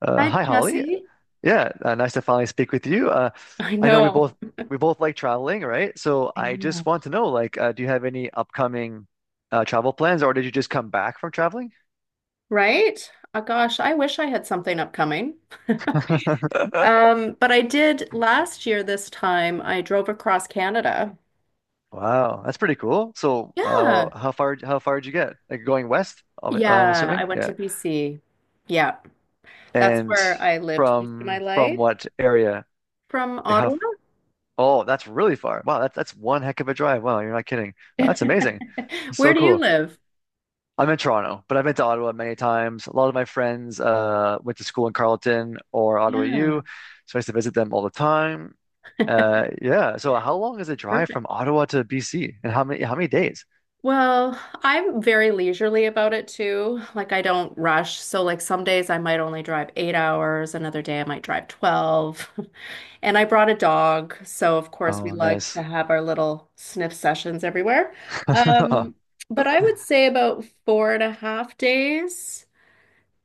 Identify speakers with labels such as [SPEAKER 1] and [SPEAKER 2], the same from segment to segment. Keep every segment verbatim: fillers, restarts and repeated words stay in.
[SPEAKER 1] Uh,
[SPEAKER 2] Hi,
[SPEAKER 1] hi Holly.
[SPEAKER 2] Jesse.
[SPEAKER 1] Yeah, uh, nice to finally speak with you. Uh,
[SPEAKER 2] I
[SPEAKER 1] I know we
[SPEAKER 2] know,
[SPEAKER 1] both we both like traveling, right? So I just want to know, like, uh, do you have any upcoming uh, travel plans, or did you just come back from traveling?
[SPEAKER 2] right? Oh, gosh, I wish I had something upcoming. Um, but I did last year this time. I drove across Canada.
[SPEAKER 1] Wow, that's pretty cool. So,
[SPEAKER 2] Yeah.
[SPEAKER 1] uh, how far how far did you get? Like going west, I'm I'm
[SPEAKER 2] Yeah, I
[SPEAKER 1] assuming.
[SPEAKER 2] went
[SPEAKER 1] Yeah,
[SPEAKER 2] to B C. Yeah. That's
[SPEAKER 1] and
[SPEAKER 2] where I lived most of my
[SPEAKER 1] from from
[SPEAKER 2] life,
[SPEAKER 1] what area?
[SPEAKER 2] from
[SPEAKER 1] Like how?
[SPEAKER 2] Ottawa.
[SPEAKER 1] Oh, that's really far. Wow, that's that's one heck of a drive. Wow, you're not kidding. That's amazing. So
[SPEAKER 2] Where do you
[SPEAKER 1] cool.
[SPEAKER 2] live?
[SPEAKER 1] I'm in Toronto, but I've been to Ottawa many times. A lot of my friends uh, went to school in Carleton or Ottawa
[SPEAKER 2] Yeah,
[SPEAKER 1] U, so I used to visit them all the time. Uh, yeah. So how long is the drive from
[SPEAKER 2] perfect.
[SPEAKER 1] Ottawa to B C, and how many how many days?
[SPEAKER 2] Well, I'm very leisurely about it too. Like I don't rush. So like some days I might only drive eight hours, another day I might drive twelve. And I brought a dog, so of course we
[SPEAKER 1] Oh,
[SPEAKER 2] like to
[SPEAKER 1] nice.
[SPEAKER 2] have our little sniff sessions everywhere. Um, but I would say about four and a half days.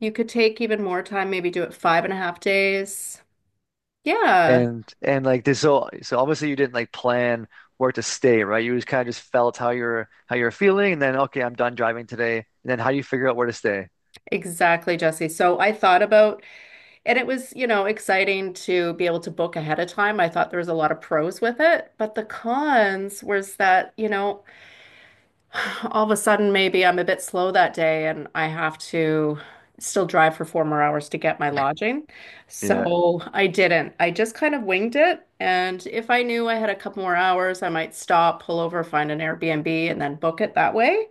[SPEAKER 2] You could take even more time, maybe do it five and a half days. Yeah,
[SPEAKER 1] And and like this, so so obviously you didn't like plan where to stay, right? You just kind of just felt how you're how you're feeling, and then okay, I'm done driving today, and then how do you figure out where to stay?
[SPEAKER 2] exactly, Jesse. So I thought about, and it was, you know, exciting to be able to book ahead of time. I thought there was a lot of pros with it, but the cons was that, you know, all of a sudden maybe I'm a bit slow that day and I have to still drive for four more hours to get my lodging.
[SPEAKER 1] Yeah,
[SPEAKER 2] So I didn't. I just kind of winged it. And if I knew I had a couple more hours, I might stop, pull over, find an Airbnb, and then book it that way.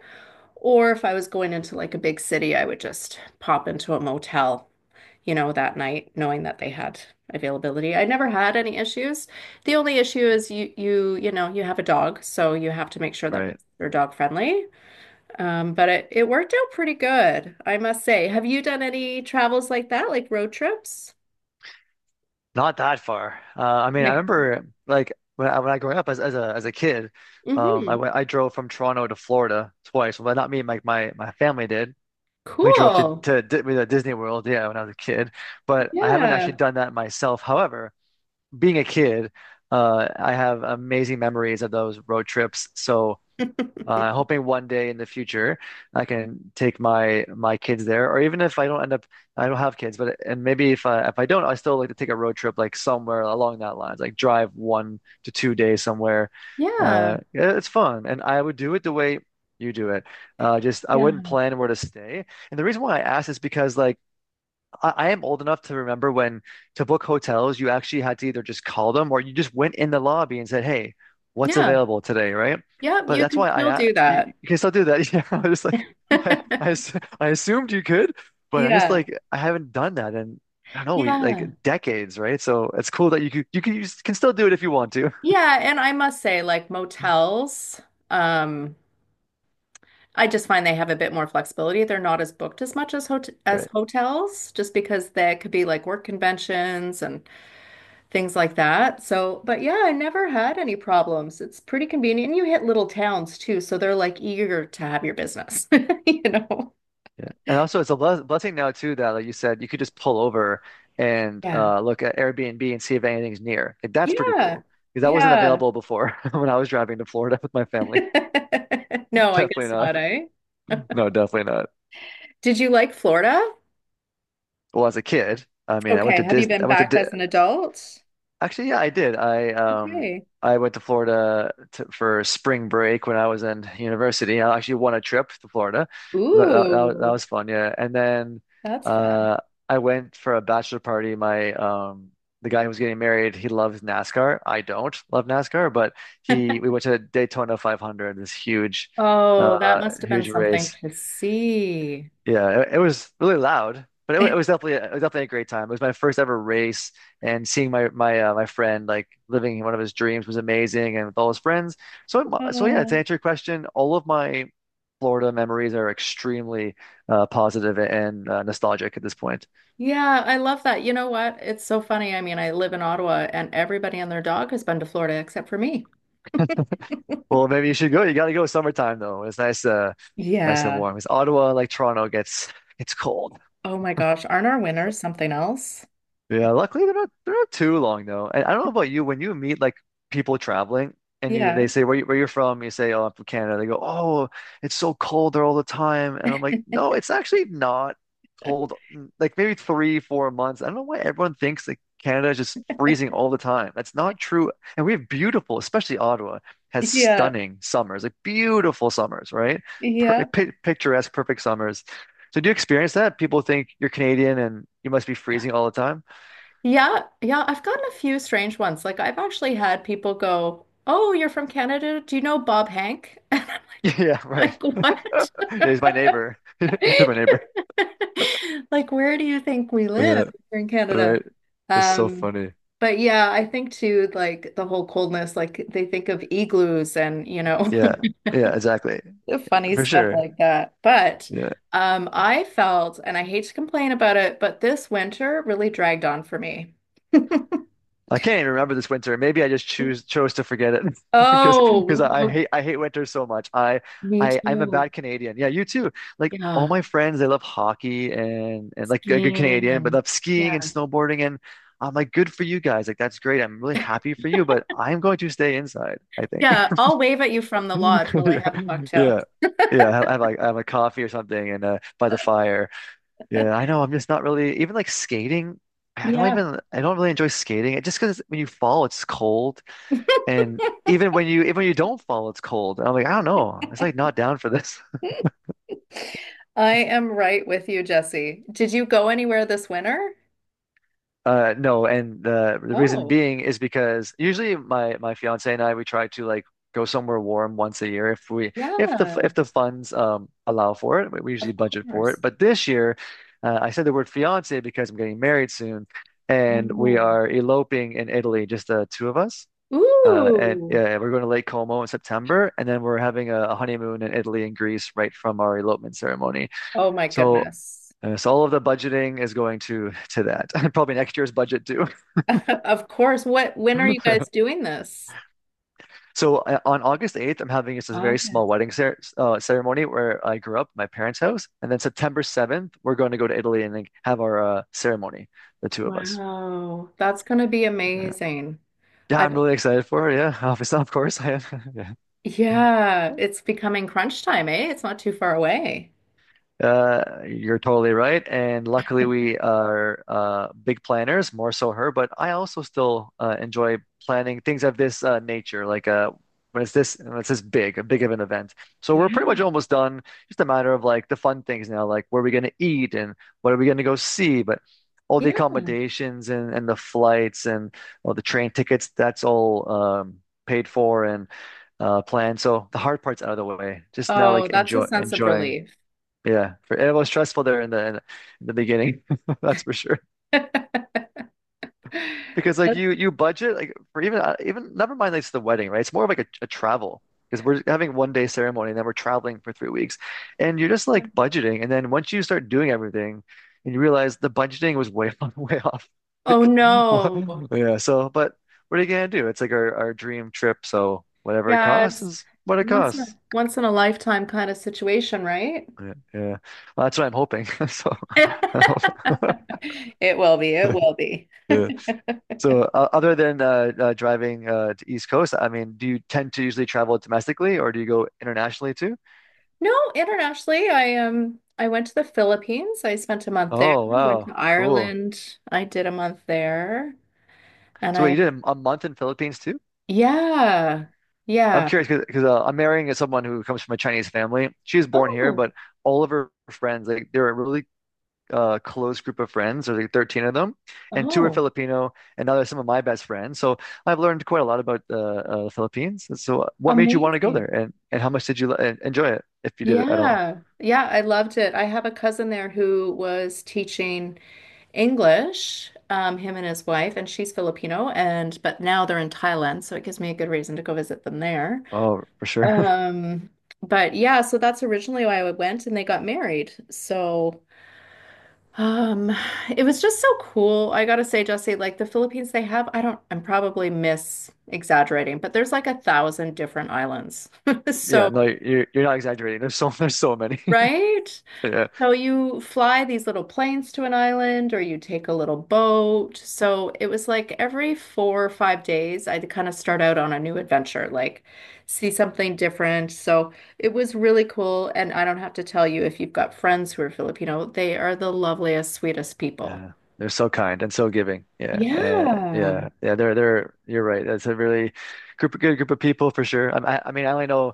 [SPEAKER 2] Or if I was going into like a big city, I would just pop into a motel, you know, that night, knowing that they had availability. I never had any issues. The only issue is you you you know, you have a dog, so you have to make sure that
[SPEAKER 1] right.
[SPEAKER 2] they're dog friendly. Um, but it, it worked out pretty good, I must say. Have you done any travels like that, like road trips?
[SPEAKER 1] Not that far. Uh, I mean, I
[SPEAKER 2] Okay.
[SPEAKER 1] remember like when I, when I growing up as, as a as a kid, um,
[SPEAKER 2] Mm-hmm.
[SPEAKER 1] I went I drove from Toronto to Florida twice. Well, not me, like my, my family did. We drove to
[SPEAKER 2] Cool.
[SPEAKER 1] to Di with, uh, Disney World, yeah, when I was a kid. But I haven't actually
[SPEAKER 2] Yeah.
[SPEAKER 1] done that myself. However, being a kid, uh, I have amazing memories of those road trips. So uh, hoping one day in the future I can take my my kids there, or even if I don't end up, I don't have kids, but and maybe if I if I don't, I still like to take a road trip like somewhere along that lines, like drive one to two days somewhere. Uh,
[SPEAKER 2] Yeah.
[SPEAKER 1] yeah, it's fun, and I would do it the way you do it. Uh, just I wouldn't
[SPEAKER 2] Yeah.
[SPEAKER 1] plan where to stay, and the reason why I asked is because like I, I am old enough to remember when to book hotels, you actually had to either just call them or you just went in the lobby and said, "Hey, what's
[SPEAKER 2] Yeah.
[SPEAKER 1] available today?" Right?
[SPEAKER 2] Yep,
[SPEAKER 1] But
[SPEAKER 2] you
[SPEAKER 1] that's
[SPEAKER 2] can
[SPEAKER 1] why I
[SPEAKER 2] still
[SPEAKER 1] a-
[SPEAKER 2] do
[SPEAKER 1] you,
[SPEAKER 2] that.
[SPEAKER 1] you can still do that. Yeah, I was like, I, I ass- I assumed you could, but I just
[SPEAKER 2] Yeah.
[SPEAKER 1] like I haven't done that in I don't know, we, like
[SPEAKER 2] Yeah.
[SPEAKER 1] decades, right? So it's cool that you could you can you can still do it if you want to.
[SPEAKER 2] Yeah, and I must say, like motels, um, I just find they have a bit more flexibility. They're not as booked as much as hot as
[SPEAKER 1] Right.
[SPEAKER 2] hotels, just because there could be like work conventions and things like that. So, but yeah, I never had any problems. It's pretty convenient. And you hit little towns too, so they're like eager to have your business, you know?
[SPEAKER 1] Yeah. And also it's a bless blessing now too that like you said you could just pull over and
[SPEAKER 2] Yeah.
[SPEAKER 1] uh, look at Airbnb and see if anything's near. Like, that's pretty
[SPEAKER 2] Yeah.
[SPEAKER 1] cool because that wasn't
[SPEAKER 2] Yeah.
[SPEAKER 1] available before when I was driving to Florida with my family.
[SPEAKER 2] No, I guess
[SPEAKER 1] Definitely not.
[SPEAKER 2] not, eh?
[SPEAKER 1] No, definitely not.
[SPEAKER 2] Did you like Florida?
[SPEAKER 1] Well, as a kid, I mean, I went
[SPEAKER 2] Okay.
[SPEAKER 1] to
[SPEAKER 2] Have you
[SPEAKER 1] Disney.
[SPEAKER 2] been
[SPEAKER 1] I went to
[SPEAKER 2] back
[SPEAKER 1] Di.
[SPEAKER 2] as an adult?
[SPEAKER 1] Actually, yeah, I did. I um
[SPEAKER 2] Okay.
[SPEAKER 1] I went to Florida to, for spring break when I was in university. I actually won a trip to Florida. That, that, that was, that
[SPEAKER 2] Ooh,
[SPEAKER 1] was fun, yeah. And then
[SPEAKER 2] that's fun.
[SPEAKER 1] uh I went for a bachelor party. My um The guy who was getting married, he loves NASCAR. I don't love NASCAR, but he we went to Daytona five hundred, this huge
[SPEAKER 2] Oh, that
[SPEAKER 1] uh
[SPEAKER 2] must have been
[SPEAKER 1] huge
[SPEAKER 2] something
[SPEAKER 1] race.
[SPEAKER 2] to see.
[SPEAKER 1] Yeah, it, it was really loud, but it, wa- it was definitely it was definitely a great time. It was my first ever race, and seeing my my uh, my friend like living one of his dreams was amazing, and with all his friends. So I'm- so yeah, to
[SPEAKER 2] Oh.
[SPEAKER 1] answer your question, all of my Florida memories are extremely uh, positive and uh, nostalgic at this point.
[SPEAKER 2] Yeah, I love that. You know what? It's so funny. I mean, I live in Ottawa and everybody and their dog has been to Florida except for me.
[SPEAKER 1] Well, maybe you should go. You got to go summertime though. It's nice, uh, nice and
[SPEAKER 2] Yeah.
[SPEAKER 1] warm. Because Ottawa, like Toronto, gets gets cold.
[SPEAKER 2] Oh my gosh. Aren't our winners something else?
[SPEAKER 1] Yeah, luckily they're not they're not too long though. And I don't know about you, when you meet like people traveling and you they
[SPEAKER 2] Yeah.
[SPEAKER 1] say where you, where you're from, you say, oh, I'm from Canada. They go, oh, it's so cold there all the time. And I'm like, no, it's actually not cold. Mm, like maybe three, four months. I don't know why everyone thinks that Canada is just freezing all the time. That's not true. And we have beautiful, especially Ottawa has
[SPEAKER 2] Yeah.
[SPEAKER 1] stunning summers, like beautiful summers, right? Per
[SPEAKER 2] Yeah.
[SPEAKER 1] pi picturesque, perfect summers. So do you experience that? People think you're Canadian and you must be freezing all the time.
[SPEAKER 2] Yeah. Yeah. I've gotten a few strange ones. Like, I've actually had people go, "Oh, you're from Canada. Do you know Bob Hank?"
[SPEAKER 1] Yeah, right.
[SPEAKER 2] Like, what?
[SPEAKER 1] He's my neighbor. He's my neighbor.
[SPEAKER 2] Like, where do you think we live
[SPEAKER 1] Yeah,
[SPEAKER 2] here in Canada?
[SPEAKER 1] right. That's so
[SPEAKER 2] Um,
[SPEAKER 1] funny.
[SPEAKER 2] but yeah, I think too, like the whole coldness, like they think of igloos and, you know,
[SPEAKER 1] Yeah, yeah, exactly.
[SPEAKER 2] funny
[SPEAKER 1] For
[SPEAKER 2] stuff
[SPEAKER 1] sure.
[SPEAKER 2] like that. But
[SPEAKER 1] Yeah.
[SPEAKER 2] um, I felt, and I hate to complain about it, but this winter really dragged on for me.
[SPEAKER 1] I can't even remember this winter. Maybe I just choose chose to forget it because because
[SPEAKER 2] Oh,
[SPEAKER 1] I I
[SPEAKER 2] oh,
[SPEAKER 1] hate I hate winter so much. I
[SPEAKER 2] me
[SPEAKER 1] I I'm a
[SPEAKER 2] too.
[SPEAKER 1] bad Canadian. Yeah, you too. Like all
[SPEAKER 2] Yeah,
[SPEAKER 1] my friends, they love hockey and and like a good
[SPEAKER 2] skiing
[SPEAKER 1] Canadian, but
[SPEAKER 2] and
[SPEAKER 1] love skiing
[SPEAKER 2] yeah.
[SPEAKER 1] and snowboarding. And I'm like, good for you guys. Like that's great. I'm really happy for you, but I'm going to stay inside, I think.
[SPEAKER 2] Yeah, I'll wave at you from the lodge while I
[SPEAKER 1] Yeah,
[SPEAKER 2] have a cocktail.
[SPEAKER 1] yeah, yeah. I have like I have a coffee or something, and uh, by the fire. Yeah, I know. I'm just not really even like skating. I don't
[SPEAKER 2] Yeah.
[SPEAKER 1] even I don't really enjoy skating. It just because when you fall, it's cold, and even when you even when you don't fall, it's cold. And I'm like I don't know. It's like not down for this.
[SPEAKER 2] I am right with you, Jesse. Did you go anywhere this winter?
[SPEAKER 1] Uh, no, and the the reason
[SPEAKER 2] Oh,
[SPEAKER 1] being is because usually my my fiance and I we try to like go somewhere warm once a year if we if the
[SPEAKER 2] yeah,
[SPEAKER 1] if the funds um allow for it. We we usually
[SPEAKER 2] of
[SPEAKER 1] budget for
[SPEAKER 2] course.
[SPEAKER 1] it. But this year, uh, I said the word fiance because I'm getting married soon, and we
[SPEAKER 2] Oh.
[SPEAKER 1] are eloping in Italy, just the two of us. Uh, and
[SPEAKER 2] Ooh.
[SPEAKER 1] uh, We're going to Lake Como in September, and then we're having a, a honeymoon in Italy and Greece right from our elopement ceremony.
[SPEAKER 2] Oh my
[SPEAKER 1] So,
[SPEAKER 2] goodness.
[SPEAKER 1] uh, so all of the budgeting is going to to that. Probably next year's budget too.
[SPEAKER 2] Of course. What, when are you guys doing this?
[SPEAKER 1] So uh, on August eighth, I'm having just a very small
[SPEAKER 2] August.
[SPEAKER 1] wedding cer uh, ceremony where I grew up, my parents' house, and then September seventh, we're going to go to Italy and like, have our uh, ceremony, the two of us.
[SPEAKER 2] Wow, that's gonna be
[SPEAKER 1] Yeah.
[SPEAKER 2] amazing.
[SPEAKER 1] Yeah, I'm
[SPEAKER 2] I've,
[SPEAKER 1] really excited for it. Yeah, obviously, of course I am. Yeah.
[SPEAKER 2] yeah, it's becoming crunch time, eh? It's not too far away.
[SPEAKER 1] Uh, you're totally right. And luckily, we are uh, big planners, more so her, but I also still uh, enjoy planning things of this uh, nature, like uh, when it's this when it's this big, a big of an event. So we're pretty
[SPEAKER 2] Yeah.
[SPEAKER 1] much almost done. Just a matter of like the fun things now, like where are we going to eat and what are we going to go see? But all the
[SPEAKER 2] Yeah.
[SPEAKER 1] accommodations and, and the flights and all the train tickets, that's all um, paid for and uh, planned. So the hard part's out of the way. Just now,
[SPEAKER 2] Oh,
[SPEAKER 1] like
[SPEAKER 2] that's a
[SPEAKER 1] enjoy
[SPEAKER 2] sense of
[SPEAKER 1] enjoying.
[SPEAKER 2] relief.
[SPEAKER 1] Yeah, for, and it was stressful there in the in, the beginning, that's for sure.
[SPEAKER 2] That's-
[SPEAKER 1] Because like you you budget like for even uh, even never mind like it's the wedding, right? It's more of like a, a travel because we're having one day ceremony and then we're traveling for three weeks, and you're just
[SPEAKER 2] yeah.
[SPEAKER 1] like budgeting, and then once you start doing everything, and you realize the budgeting was way way off.
[SPEAKER 2] Oh
[SPEAKER 1] Like, what?
[SPEAKER 2] no.
[SPEAKER 1] Yeah. So, but what are you gonna do? It's like our our dream trip, so whatever it
[SPEAKER 2] Yeah,
[SPEAKER 1] costs
[SPEAKER 2] it's
[SPEAKER 1] is what it
[SPEAKER 2] once in a
[SPEAKER 1] costs.
[SPEAKER 2] once in a lifetime kind of situation, right?
[SPEAKER 1] Yeah, yeah. Well, that's what I'm hoping. So,
[SPEAKER 2] It will be. It will be.
[SPEAKER 1] yeah. So, uh, other than uh, uh, driving uh, to East Coast, I mean, do you tend to usually travel domestically or do you go internationally too?
[SPEAKER 2] No, internationally, I um I went to the Philippines. I spent a month there.
[SPEAKER 1] Oh,
[SPEAKER 2] I went to
[SPEAKER 1] wow, cool.
[SPEAKER 2] Ireland. I did a month there. And
[SPEAKER 1] So, wait,
[SPEAKER 2] I
[SPEAKER 1] you did a, a month in Philippines too?
[SPEAKER 2] yeah.
[SPEAKER 1] I'm
[SPEAKER 2] Yeah.
[SPEAKER 1] curious because uh, I'm marrying someone who comes from a Chinese family. She was born here,
[SPEAKER 2] Oh,
[SPEAKER 1] but all of her friends, like, they're a really uh, close group of friends. There's like thirteen of them, and two are
[SPEAKER 2] oh,
[SPEAKER 1] Filipino, and now they're some of my best friends. So, I've learned quite a lot about uh, uh, the Philippines. So, uh, what made you want to go
[SPEAKER 2] amazing.
[SPEAKER 1] there, and and how much did you uh, enjoy it, if you did it at all?
[SPEAKER 2] Yeah. Yeah, I loved it. I have a cousin there who was teaching English, um, him and his wife, and she's Filipino, and but now they're in Thailand, so it gives me a good reason to go visit them there.
[SPEAKER 1] Oh, for sure.
[SPEAKER 2] Um, but yeah, so that's originally why I went, and they got married. So um, it was just so cool. I gotta say, Jesse, like the Philippines, they have, I don't, I'm probably mis exaggerating, but there's like a thousand different islands.
[SPEAKER 1] Yeah,
[SPEAKER 2] So,
[SPEAKER 1] no, you're you're not exaggerating. There's so there's so many.
[SPEAKER 2] right?
[SPEAKER 1] Yeah,
[SPEAKER 2] So you fly these little planes to an island or you take a little boat. So it was like every four or five days, I'd kind of start out on a new adventure, like see something different. So it was really cool. And I don't have to tell you if you've got friends who are Filipino, they are the loveliest, sweetest people.
[SPEAKER 1] yeah. They're so kind and so giving. Yeah, uh,
[SPEAKER 2] Yeah,
[SPEAKER 1] yeah, yeah. They're they're. You're right. That's a really group good group of people for sure. I, I I mean, I only know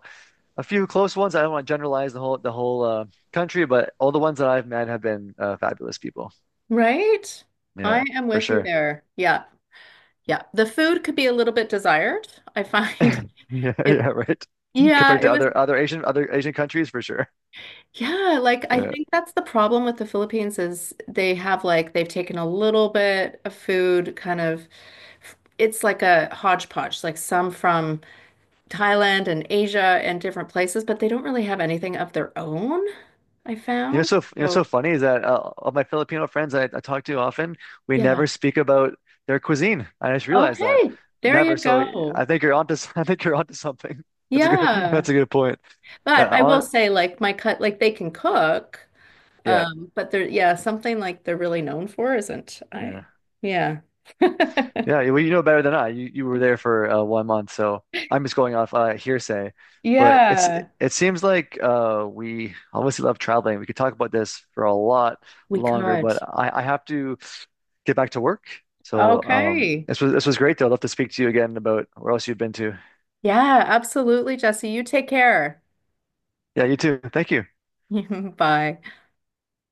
[SPEAKER 1] a few close ones. I don't want to generalize the whole the whole uh, country, but all the ones that I've met have been uh, fabulous people.
[SPEAKER 2] right? I
[SPEAKER 1] Yeah,
[SPEAKER 2] am
[SPEAKER 1] for
[SPEAKER 2] with you
[SPEAKER 1] sure.
[SPEAKER 2] there. Yeah, yeah. The food could be a little bit desired, I find.
[SPEAKER 1] Yeah, yeah,
[SPEAKER 2] It,
[SPEAKER 1] right.
[SPEAKER 2] yeah,
[SPEAKER 1] Compared
[SPEAKER 2] it
[SPEAKER 1] to
[SPEAKER 2] was.
[SPEAKER 1] other other Asian other Asian countries, for sure.
[SPEAKER 2] Yeah, like I
[SPEAKER 1] Yeah.
[SPEAKER 2] think that's the problem with the Philippines is they have like they've taken a little bit of food kind of it's like a hodgepodge, like some from Thailand and Asia and different places, but they don't really have anything of their own, I
[SPEAKER 1] You know,
[SPEAKER 2] found.
[SPEAKER 1] so you know, so
[SPEAKER 2] So,
[SPEAKER 1] funny is that uh, all my Filipino friends I, I talk to often, we
[SPEAKER 2] yeah.
[SPEAKER 1] never speak about their cuisine. I just realized that.
[SPEAKER 2] Okay. There
[SPEAKER 1] Never.
[SPEAKER 2] you
[SPEAKER 1] So
[SPEAKER 2] go.
[SPEAKER 1] I think you're onto s- I think you're onto something. That's a good
[SPEAKER 2] Yeah.
[SPEAKER 1] that's a good point.
[SPEAKER 2] But
[SPEAKER 1] Yeah,
[SPEAKER 2] I will
[SPEAKER 1] hon-
[SPEAKER 2] say like my cut like they can cook,
[SPEAKER 1] yeah,
[SPEAKER 2] um, but they're yeah, something like they're really known for isn't I.
[SPEAKER 1] yeah,
[SPEAKER 2] Yeah.
[SPEAKER 1] yeah. you- Well, you know better than I. You you were there for uh, one month, so I'm just going off uh, hearsay. But it's
[SPEAKER 2] Yeah.
[SPEAKER 1] it seems like uh, we obviously love traveling. We could talk about this for a lot
[SPEAKER 2] We
[SPEAKER 1] longer, but
[SPEAKER 2] could.
[SPEAKER 1] I, I have to get back to work. So um,
[SPEAKER 2] Okay.
[SPEAKER 1] this was this was great though. I'd love to speak to you again about where else you've been to.
[SPEAKER 2] Yeah, absolutely, Jesse. You take care.
[SPEAKER 1] Yeah, you too. Thank you.
[SPEAKER 2] Bye.